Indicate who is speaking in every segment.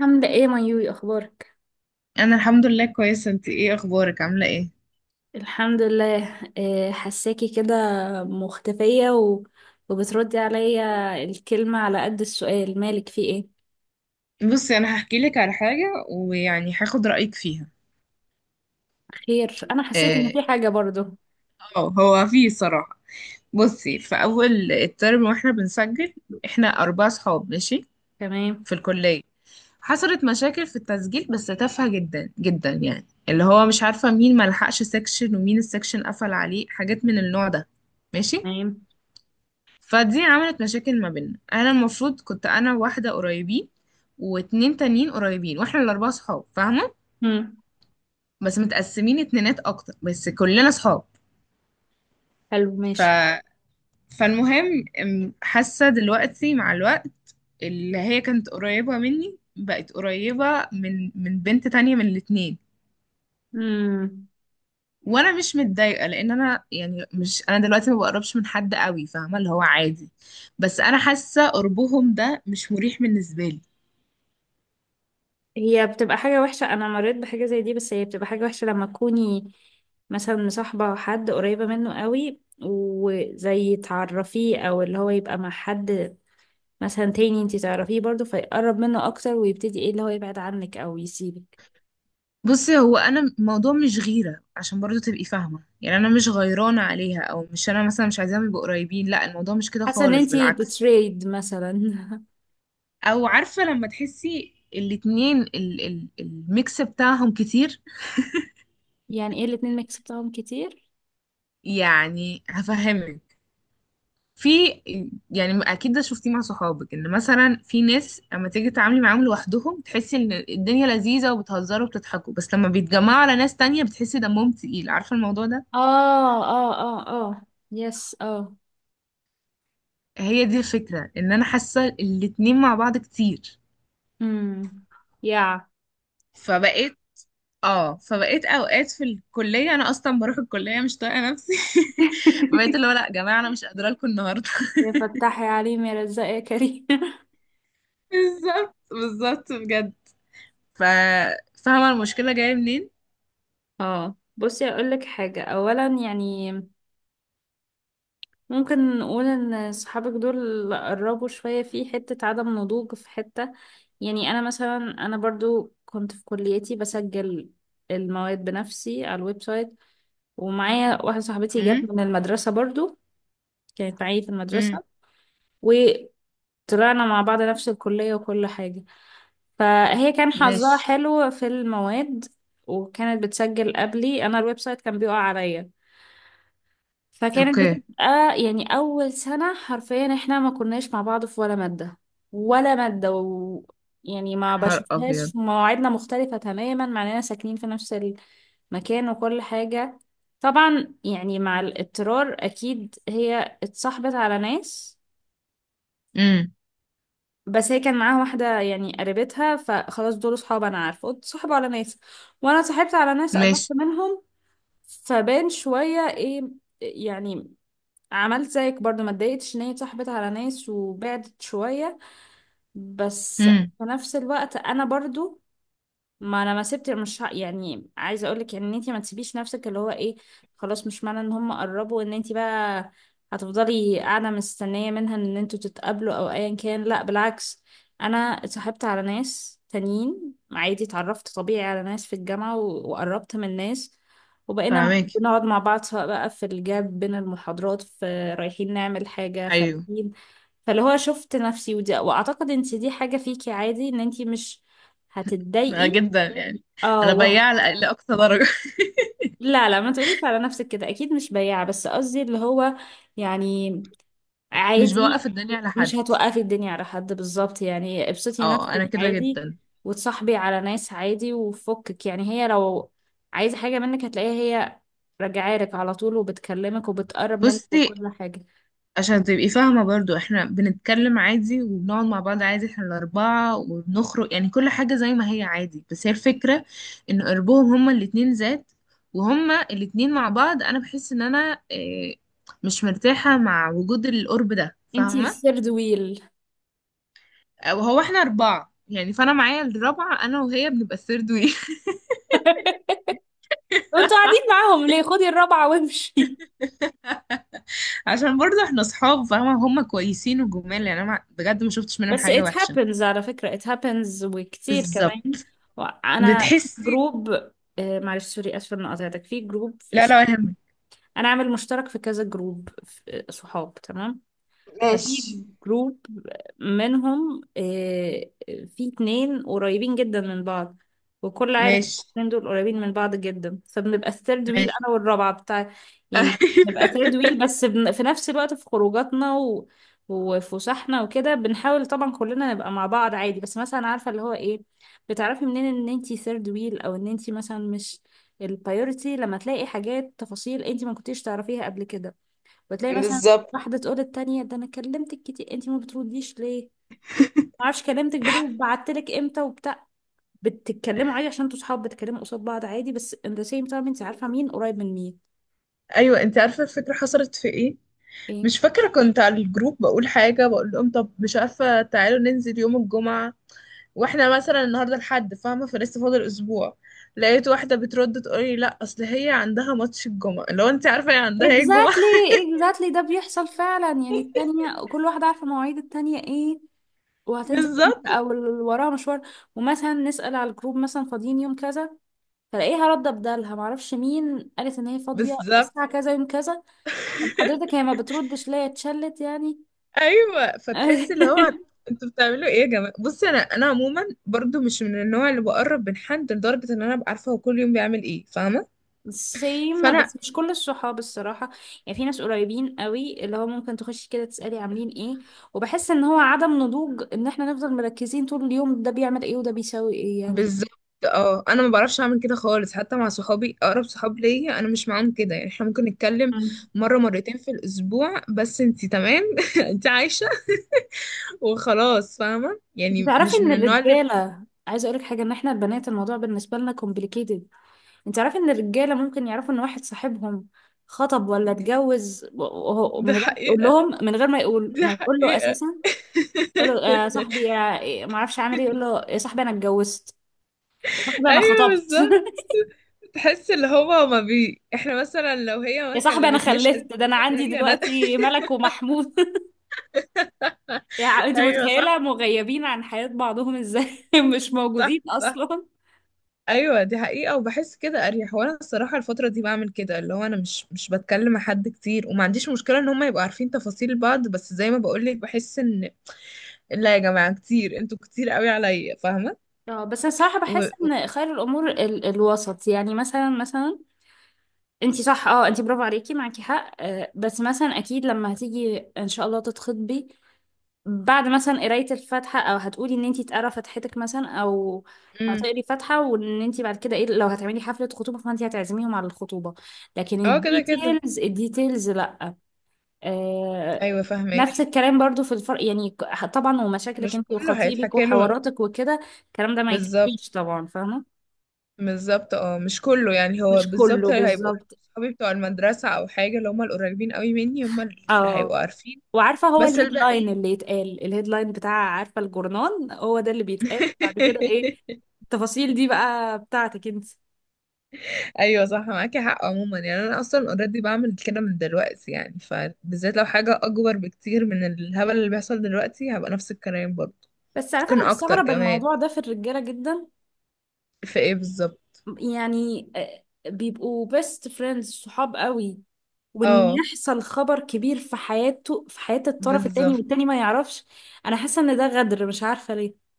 Speaker 1: عاملة ايه مايوي؟ اخبارك؟
Speaker 2: انا الحمد لله كويسه، انت ايه اخبارك؟ عامله ايه؟
Speaker 1: الحمد لله. إيه، حساكي كده مختفية و... وبتردي عليا الكلمة على قد السؤال، مالك في ايه؟
Speaker 2: بصي، انا هحكي لك على حاجه ويعني هاخد رايك فيها.
Speaker 1: خير؟ انا حسيت ان
Speaker 2: اه.
Speaker 1: في حاجة برضو.
Speaker 2: هو في صراحه. بصي، في اول الترم واحنا بنسجل، احنا اربع صحاب. ماشي.
Speaker 1: تمام.
Speaker 2: في الكليه. حصلت مشاكل في التسجيل بس تافهه جدا جدا، يعني اللي هو مش عارفه مين ما لحقش سيكشن ومين السيكشن قفل عليه، حاجات من النوع ده. ماشي.
Speaker 1: تمام.
Speaker 2: فدي عملت مشاكل ما بيننا، انا المفروض كنت انا واحده قريبين، واتنين تانيين قريبين، واحنا الاربعه صحاب فاهمه،
Speaker 1: مم.
Speaker 2: بس متقسمين اتنينات اكتر بس كلنا صحاب.
Speaker 1: حلو،
Speaker 2: ف
Speaker 1: ماشي.
Speaker 2: فالمهم، حاسه دلوقتي مع الوقت اللي هي كانت قريبه مني بقت قريبه من بنت تانية من الاتنين.
Speaker 1: مم.
Speaker 2: وانا مش متضايقه لان انا يعني مش انا دلوقتي ما بقربش من حد قوي فاهمه، اللي هو عادي، بس انا حاسه قربهم ده مش مريح بالنسبه لي.
Speaker 1: هي بتبقى حاجة وحشة، انا مريت بحاجة زي دي، بس هي بتبقى حاجة وحشة لما تكوني مثلا مصاحبة حد قريبة منه قوي وزي تعرفيه، او اللي هو يبقى مع حد مثلا تاني انتي تعرفيه برضو فيقرب منه اكتر ويبتدي ايه اللي هو يبعد عنك او يسيبك.
Speaker 2: بصي، هو انا الموضوع مش غيره عشان برضو تبقي فاهمه، يعني انا مش غيرانه عليها او مش انا مثلا مش عايزاهم يبقوا قريبين، لا الموضوع مش كده
Speaker 1: حاسه ان
Speaker 2: خالص،
Speaker 1: انتي
Speaker 2: بالعكس.
Speaker 1: بتريد مثلا.
Speaker 2: او عارفه لما تحسي الاتنين ال ال الميكس بتاعهم كتير.
Speaker 1: يعني ايه الاتنين ما كسبتهم كتير؟
Speaker 2: يعني هفهمك. في يعني اكيد ده شفتيه مع صحابك، ان مثلا في ناس اما تيجي تتعاملي معاهم لوحدهم تحسي ان الدنيا لذيذه وبتهزروا وبتضحكوا، بس لما بيتجمعوا على ناس تانية بتحسي دمهم تقيل، عارفه الموضوع ده.
Speaker 1: اه، اه. اه، اه. يس، اه.
Speaker 2: هي دي الفكرة، ان انا حاسة الاتنين مع بعض كتير.
Speaker 1: امم. يا.
Speaker 2: فبقيت اه فبقيت اوقات في الكلية انا اصلا بروح الكلية مش طايقة نفسي. فبقيت اللي هو لا يا جماعة انا مش قادرة لكم النهاردة.
Speaker 1: يا فتحي عليم يا رزاق يا كريم.
Speaker 2: بالظبط بالظبط بجد. ف فاهمة المشكلة جاية منين؟
Speaker 1: اه، بصي اقول لك حاجه، اولا يعني ممكن نقول ان صحابك دول قربوا شوية في حتة عدم نضوج في حتة. يعني انا مثلا، انا برضو كنت في كليتي بسجل المواد بنفسي على الويب سايت، ومعايا واحدة صاحبتي جت
Speaker 2: امم.
Speaker 1: من المدرسة برضو، كانت معايا في
Speaker 2: امم.
Speaker 1: المدرسة، وطلعنا مع بعض نفس الكلية وكل حاجة. فهي كان حظها
Speaker 2: ماشي.
Speaker 1: حلو في المواد، وكانت بتسجل قبلي. انا الويب سايت كان بيقع عليا، فكانت
Speaker 2: اوكي يا
Speaker 1: بتبقى يعني أول سنة حرفيا احنا ما كناش مع بعض في ولا مادة، ولا مادة. يعني ما
Speaker 2: نهار ابيض.
Speaker 1: بشوفهاش، مواعيدنا مختلفة تماما مع اننا ساكنين في نفس المكان وكل حاجة. طبعا يعني مع الاضطرار أكيد هي اتصاحبت على ناس،
Speaker 2: امم.
Speaker 1: بس هي كان معاها واحدة يعني قريبتها فخلاص دول صحاب، أنا عارفة. اتصاحبوا على ناس وأنا اتصاحبت على ناس قربت
Speaker 2: ماشي.
Speaker 1: منهم. فبان شوية ايه يعني. عملت زيك برضو، ما اتضايقتش ان هي اتصاحبت على ناس وبعدت شوية. بس
Speaker 2: امم.
Speaker 1: في نفس الوقت انا برضو، ما انا ما سبت، مش يعني عايزه اقول لك ان انت ما تسيبيش نفسك اللي هو ايه. خلاص، مش معنى ان هم قربوا ان انت بقى هتفضلي قاعده مستنيه منها ان انتوا تتقابلوا او ايا كان. لا، بالعكس، انا اتصاحبت على ناس تانيين عادي، اتعرفت طبيعي على ناس في الجامعه و- وقربت من ناس، وبقينا
Speaker 2: فاهماكي.
Speaker 1: بنقعد مع بعض سواء بقى في الجاب بين المحاضرات، في رايحين نعمل حاجه
Speaker 2: ايوه.
Speaker 1: خارجين. فاللي هو شفت نفسي ودي، واعتقد انت دي حاجة فيكي عادي ان انت مش
Speaker 2: أنا
Speaker 1: هتتضايقي.
Speaker 2: جدا يعني.
Speaker 1: اه
Speaker 2: انا بياع لأقصى درجة.
Speaker 1: لا لا، ما تقوليش على نفسك كده، اكيد مش بياعة. بس قصدي اللي هو يعني
Speaker 2: مش
Speaker 1: عادي،
Speaker 2: بوقف الدنيا على
Speaker 1: مش
Speaker 2: حد.
Speaker 1: هتوقفي الدنيا على حد بالظبط، يعني ابسطي
Speaker 2: اه
Speaker 1: نفسك
Speaker 2: انا كده
Speaker 1: عادي
Speaker 2: جدا.
Speaker 1: وتصاحبي على ناس عادي وفكك. يعني هي لو عايزة حاجة منك هتلاقيها هي راجعة لك على طول وبتكلمك وبتقرب منك
Speaker 2: بصي،
Speaker 1: وكل حاجة.
Speaker 2: عشان تبقي فاهمة برضو، احنا بنتكلم عادي وبنقعد مع بعض عادي، احنا الأربعة وبنخرج، يعني كل حاجة زي ما هي عادي، بس هي الفكرة ان قربهم هما الاتنين ذات، وهما الاتنين مع بعض انا بحس ان انا مش مرتاحة مع وجود القرب ده
Speaker 1: انتي
Speaker 2: فاهمة.
Speaker 1: الثيرد ويل.
Speaker 2: وهو احنا أربعة يعني، فانا معايا الرابعة انا وهي بنبقى الثيرد وي.
Speaker 1: وانتوا قاعدين معاهم ليه؟ خدي الرابعة وامشي.
Speaker 2: عشان برضو احنا صحاب فاهمة، هما كويسين وجمال، يعني انا بجد ما شفتش منهم
Speaker 1: بس
Speaker 2: حاجة
Speaker 1: it
Speaker 2: وحشة.
Speaker 1: happens على فكرة، it happens وكتير
Speaker 2: بالظبط.
Speaker 1: كمان. أنا
Speaker 2: بتحسي.
Speaker 1: جروب معلش سوري، آسفة إني قاطعتك، في جروب
Speaker 2: لا لا.
Speaker 1: انا عامل مشترك في كذا جروب، صحاب تمام.
Speaker 2: ماشي.
Speaker 1: ففي جروب منهم في اتنين قريبين جدا من بعض وكل عارف.
Speaker 2: ماشي.
Speaker 1: الاتنين دول قريبين من بعض جدا فبنبقى الثيرد ويل،
Speaker 2: ماشي.
Speaker 1: انا والرابعة بتاع يعني. بنبقى ثيرد ويل، بس في نفس الوقت في خروجاتنا و... وفسحنا وكده بنحاول طبعا كلنا نبقى مع بعض عادي. بس مثلا عارفة اللي هو ايه، بتعرفي منين ان انتي ثيرد ويل، او ان انتي مثلا مش البايورتي؟ لما تلاقي حاجات تفاصيل انتي ما كنتيش تعرفيها قبل كده. وتلاقي مثلا
Speaker 2: بالظبط.
Speaker 1: واحدة تقول التانية ده انا كلمتك كتير انتي ما بترديش ليه، ما اعرفش كلمتك بالليل وبعتلك امتى وبتاع. بتتكلموا عادي عشان انتوا صحاب، بتتكلموا قصاد بعض عادي، بس in the same time انتي عارفة مين قريب من مين.
Speaker 2: ايوه، انت عارفه الفكره حصلت في ايه؟
Speaker 1: ايه.
Speaker 2: مش فاكره، كنت على الجروب بقول حاجه، بقول لهم طب مش عارفه تعالوا ننزل يوم الجمعه، واحنا مثلا النهارده الحد فاهمه، فلسه فاضل اسبوع. لقيت واحده بترد تقول لي لا اصل هي عندها ماتش الجمعه، لو انت عارفه هي عندها ايه الجمعه.
Speaker 1: exactly. exactly، ده بيحصل فعلا. يعني التانية كل واحدة عارفة مواعيد التانية ايه وهتنزل امتى
Speaker 2: بالظبط
Speaker 1: او اللي وراها مشوار. ومثلا نسأل على الجروب مثلا فاضيين يوم كذا فلاقيها رد بدالها، معرفش مين قالت ان هي فاضية
Speaker 2: بالظبط.
Speaker 1: الساعة كذا يوم كذا. طب حضرتك هي ما بتردش ليه؟ اتشلت يعني.
Speaker 2: ايوه، فتحس اللي هو انتوا بتعملوا ايه يا جماعه. بصي، انا عموما برضو مش من النوع اللي بقرب من حد لدرجه ان انا ابقى عارفه هو كل يوم بيعمل ايه، فاهمه.
Speaker 1: سيم،
Speaker 2: فانا
Speaker 1: بس مش كل الصحاب الصراحة. يعني في ناس قريبين قوي اللي هو ممكن تخشي كده تسألي عاملين ايه. وبحس ان هو عدم نضوج ان احنا نفضل مركزين طول اليوم ده بيعمل ايه وده بيسوي ايه يعني.
Speaker 2: بالظبط. اه انا ما بعرفش اعمل كده خالص، حتى مع صحابي اقرب صحاب ليا انا مش معاهم كده، يعني احنا ممكن نتكلم
Speaker 1: مم.
Speaker 2: مره مرتين في الاسبوع بس انتي تمام. انتي عايشه وخلاص فاهمه، يعني
Speaker 1: تعرفي
Speaker 2: مش
Speaker 1: ان
Speaker 2: من النوع اللي.
Speaker 1: الرجالة، عايزة اقولك حاجة، ان احنا البنات الموضوع بالنسبة لنا complicated. انت تعرفي ان الرجالة ممكن يعرفوا ان واحد صاحبهم خطب ولا اتجوز
Speaker 2: دي
Speaker 1: من غير ما يقول
Speaker 2: حقيقه.
Speaker 1: لهم، من غير ما يقول،
Speaker 2: دي
Speaker 1: ما يقول له
Speaker 2: حقيقه.
Speaker 1: اساسا. يقول له يا صاحبي يا إيه، ما اعرفش عامل ايه، يقول له يا صاحبي انا اتجوزت، يا صاحبي انا
Speaker 2: ايوه
Speaker 1: خطبت.
Speaker 2: بالظبط. تحس اللي هو ما بي، احنا مثلا لو هي ما
Speaker 1: يا صاحبي انا
Speaker 2: كلمتنيش قالت
Speaker 1: خلفت، ده انا
Speaker 2: لنا ان
Speaker 1: عندي
Speaker 2: هي.
Speaker 1: دلوقتي ملك ومحمود. يعني انت
Speaker 2: ايوه
Speaker 1: متخيله
Speaker 2: صح.
Speaker 1: مغيبين عن حياه بعضهم ازاي؟ مش موجودين
Speaker 2: صح صح.
Speaker 1: اصلا.
Speaker 2: ايوه دي حقيقه، وبحس كده اريح، وانا الصراحه الفتره دي بعمل كده اللي هو انا مش بتكلم مع حد كتير، وما عنديش مشكله ان هم يبقوا عارفين تفاصيل بعض، بس زي ما بقول لك بحس ان لا يا جماعه كتير، انتوا كتير قوي عليا فاهمه.
Speaker 1: اه، بس انا صراحه
Speaker 2: و...
Speaker 1: بحس ان خير الامور ال الوسط، يعني مثلا، مثلا انت صح. اه، انت برافو عليكي، معاكي حق. آه، بس مثلا اكيد لما هتيجي ان شاء الله تتخطبي بعد مثلا قراية الفاتحة، او هتقولي ان انتي تقرا فاتحتك مثلا، او
Speaker 2: امم.
Speaker 1: هتقري فاتحة. وان انتي بعد كده ايه، لو هتعملي حفلة خطوبة فانتي هتعزميهم على الخطوبة. لكن
Speaker 2: اه كده كده.
Speaker 1: الديتيلز الديتيلز لا. آه.
Speaker 2: ايوه
Speaker 1: نفس
Speaker 2: فاهمك.
Speaker 1: الكلام برضو في الفرق يعني، طبعا ومشاكلك
Speaker 2: مش
Speaker 1: انتي
Speaker 2: كله
Speaker 1: وخطيبك
Speaker 2: هيتحكي له.
Speaker 1: وحواراتك وكده، الكلام ده ما
Speaker 2: بالظبط.
Speaker 1: يتحكيش طبعا. فاهمة.
Speaker 2: بالظبط، اه مش كله يعني، هو
Speaker 1: مش
Speaker 2: بالظبط
Speaker 1: كله
Speaker 2: اللي هيبقوا
Speaker 1: بالظبط.
Speaker 2: صحابي بتوع المدرسة أو حاجة اللي هم القريبين قوي مني هم اللي
Speaker 1: اه.
Speaker 2: هيبقوا عارفين.
Speaker 1: وعارفة هو
Speaker 2: بس
Speaker 1: الهيدلاين
Speaker 2: الباقيين.
Speaker 1: اللي يتقال، الهيدلاين بتاع عارفة الجورنال هو ده اللي بيتقال بعد كده ايه، التفاصيل دي بقى بتاعتك انت.
Speaker 2: أيوة صح معاكي حق، عموما يعني أنا أصلا اوريدي بعمل كده من دلوقتي، يعني فبالذات لو حاجة أكبر بكتير من الهبل اللي بيحصل دلوقتي هبقى نفس الكلام برضه.
Speaker 1: بس عارفة
Speaker 2: ممكن
Speaker 1: انا
Speaker 2: أكتر
Speaker 1: بستغرب
Speaker 2: كمان.
Speaker 1: الموضوع ده في الرجالة جدا.
Speaker 2: في ايه بالظبط؟
Speaker 1: يعني بيبقوا بيست فريندز صحاب قوي، وان
Speaker 2: اه.
Speaker 1: يحصل خبر كبير في حياته في حياة الطرف التاني
Speaker 2: بالظبط
Speaker 1: والتاني ما يعرفش. انا حاسة ان ده غدر، مش عارفة ليه.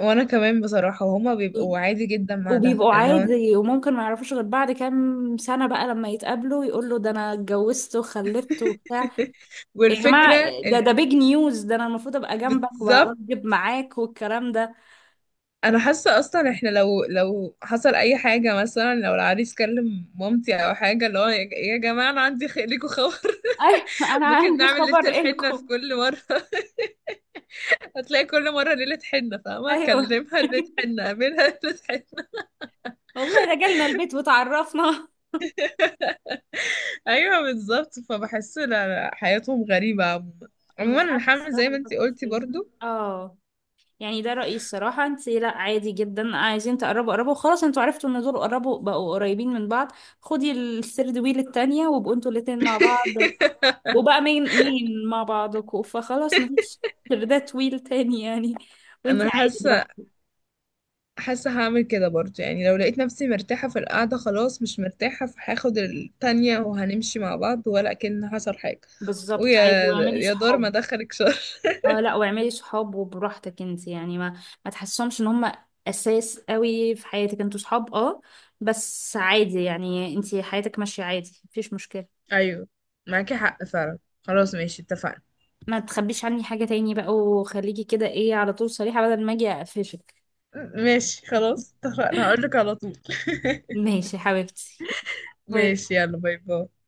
Speaker 2: وانا كمان بصراحة، وهما بيبقوا عادي جدا مع ده
Speaker 1: وبيبقوا
Speaker 2: اللي هو.
Speaker 1: عادي وممكن ما يعرفوش غير بعد كام سنة بقى لما يتقابلوا يقول له ده انا اتجوزت وخلفت وبتاع. يا جماعة،
Speaker 2: والفكرة
Speaker 1: ده
Speaker 2: إن-
Speaker 1: ده بيج نيوز، ده انا المفروض ابقى جنبك
Speaker 2: بالظبط.
Speaker 1: واوجب معاك والكلام ده.
Speaker 2: انا حاسه اصلا احنا لو حصل اي حاجه، مثلا لو العريس كلم مامتي او حاجه اللي هو يا يا جماعه انا عندي ليكوا خبر.
Speaker 1: ايوه انا
Speaker 2: ممكن
Speaker 1: عندي
Speaker 2: نعمل ليله
Speaker 1: خبر
Speaker 2: الحنه في
Speaker 1: إلكم.
Speaker 2: كل مره. هتلاقي كل مره ليله حنه فاهمه،
Speaker 1: ايوه
Speaker 2: اكلمها ليله حنه، اقابلها ليله حنه.
Speaker 1: والله، ده جالنا البيت وتعرفنا.
Speaker 2: ايوه بالظبط. فبحس لا لا حياتهم غريبه عموما. عموما
Speaker 1: مش
Speaker 2: انا
Speaker 1: عارفة
Speaker 2: حامل زي
Speaker 1: الصراحة
Speaker 2: ما انتي
Speaker 1: بيفكروا في
Speaker 2: قلتي
Speaker 1: ايه.
Speaker 2: برضو.
Speaker 1: اه، يعني ده رأيي الصراحة. انت لا عادي جدا، عايزين تقربوا قربوا خلاص. انتوا عرفتوا ان دول قربوا بقوا قريبين من بعض. خدي الثيرد ويل التانية وابقوا انتوا الاتنين مع بعض. وبقى مين مين مع بعضكوا فخلاص، مفيش ثيردات ويل تاني يعني. وانت
Speaker 2: انا
Speaker 1: عادي
Speaker 2: حاسه.
Speaker 1: براحتك.
Speaker 2: حاسة هعمل كده برضه، يعني لو لقيت نفسي مرتاحة في القعدة خلاص مش مرتاحة فهاخد التانية وهنمشي مع بعض ولا كأن حصل حاجة.
Speaker 1: بالظبط،
Speaker 2: ويا
Speaker 1: عادي، واعملي
Speaker 2: يا دار ما
Speaker 1: صحاب.
Speaker 2: دخلك شر.
Speaker 1: اه، لا، واعملي صحاب وبراحتك. انت يعني ما تحسهمش ان هم اساس قوي في حياتك. انتوا صحاب اه، بس عادي يعني، انت حياتك ماشية عادي مفيش مشكلة.
Speaker 2: ايوه معاكي حق فعلا. خلاص ماشي اتفقنا.
Speaker 1: ما تخبيش عني حاجة تاني بقى، وخليكي كده ايه على طول صريحة، بدل ما اجي اقفشك.
Speaker 2: ماشي خلاص اتفقنا هقولك على طول.
Speaker 1: ماشي يا حبيبتي. باي باي.
Speaker 2: ماشي يلا باي باي.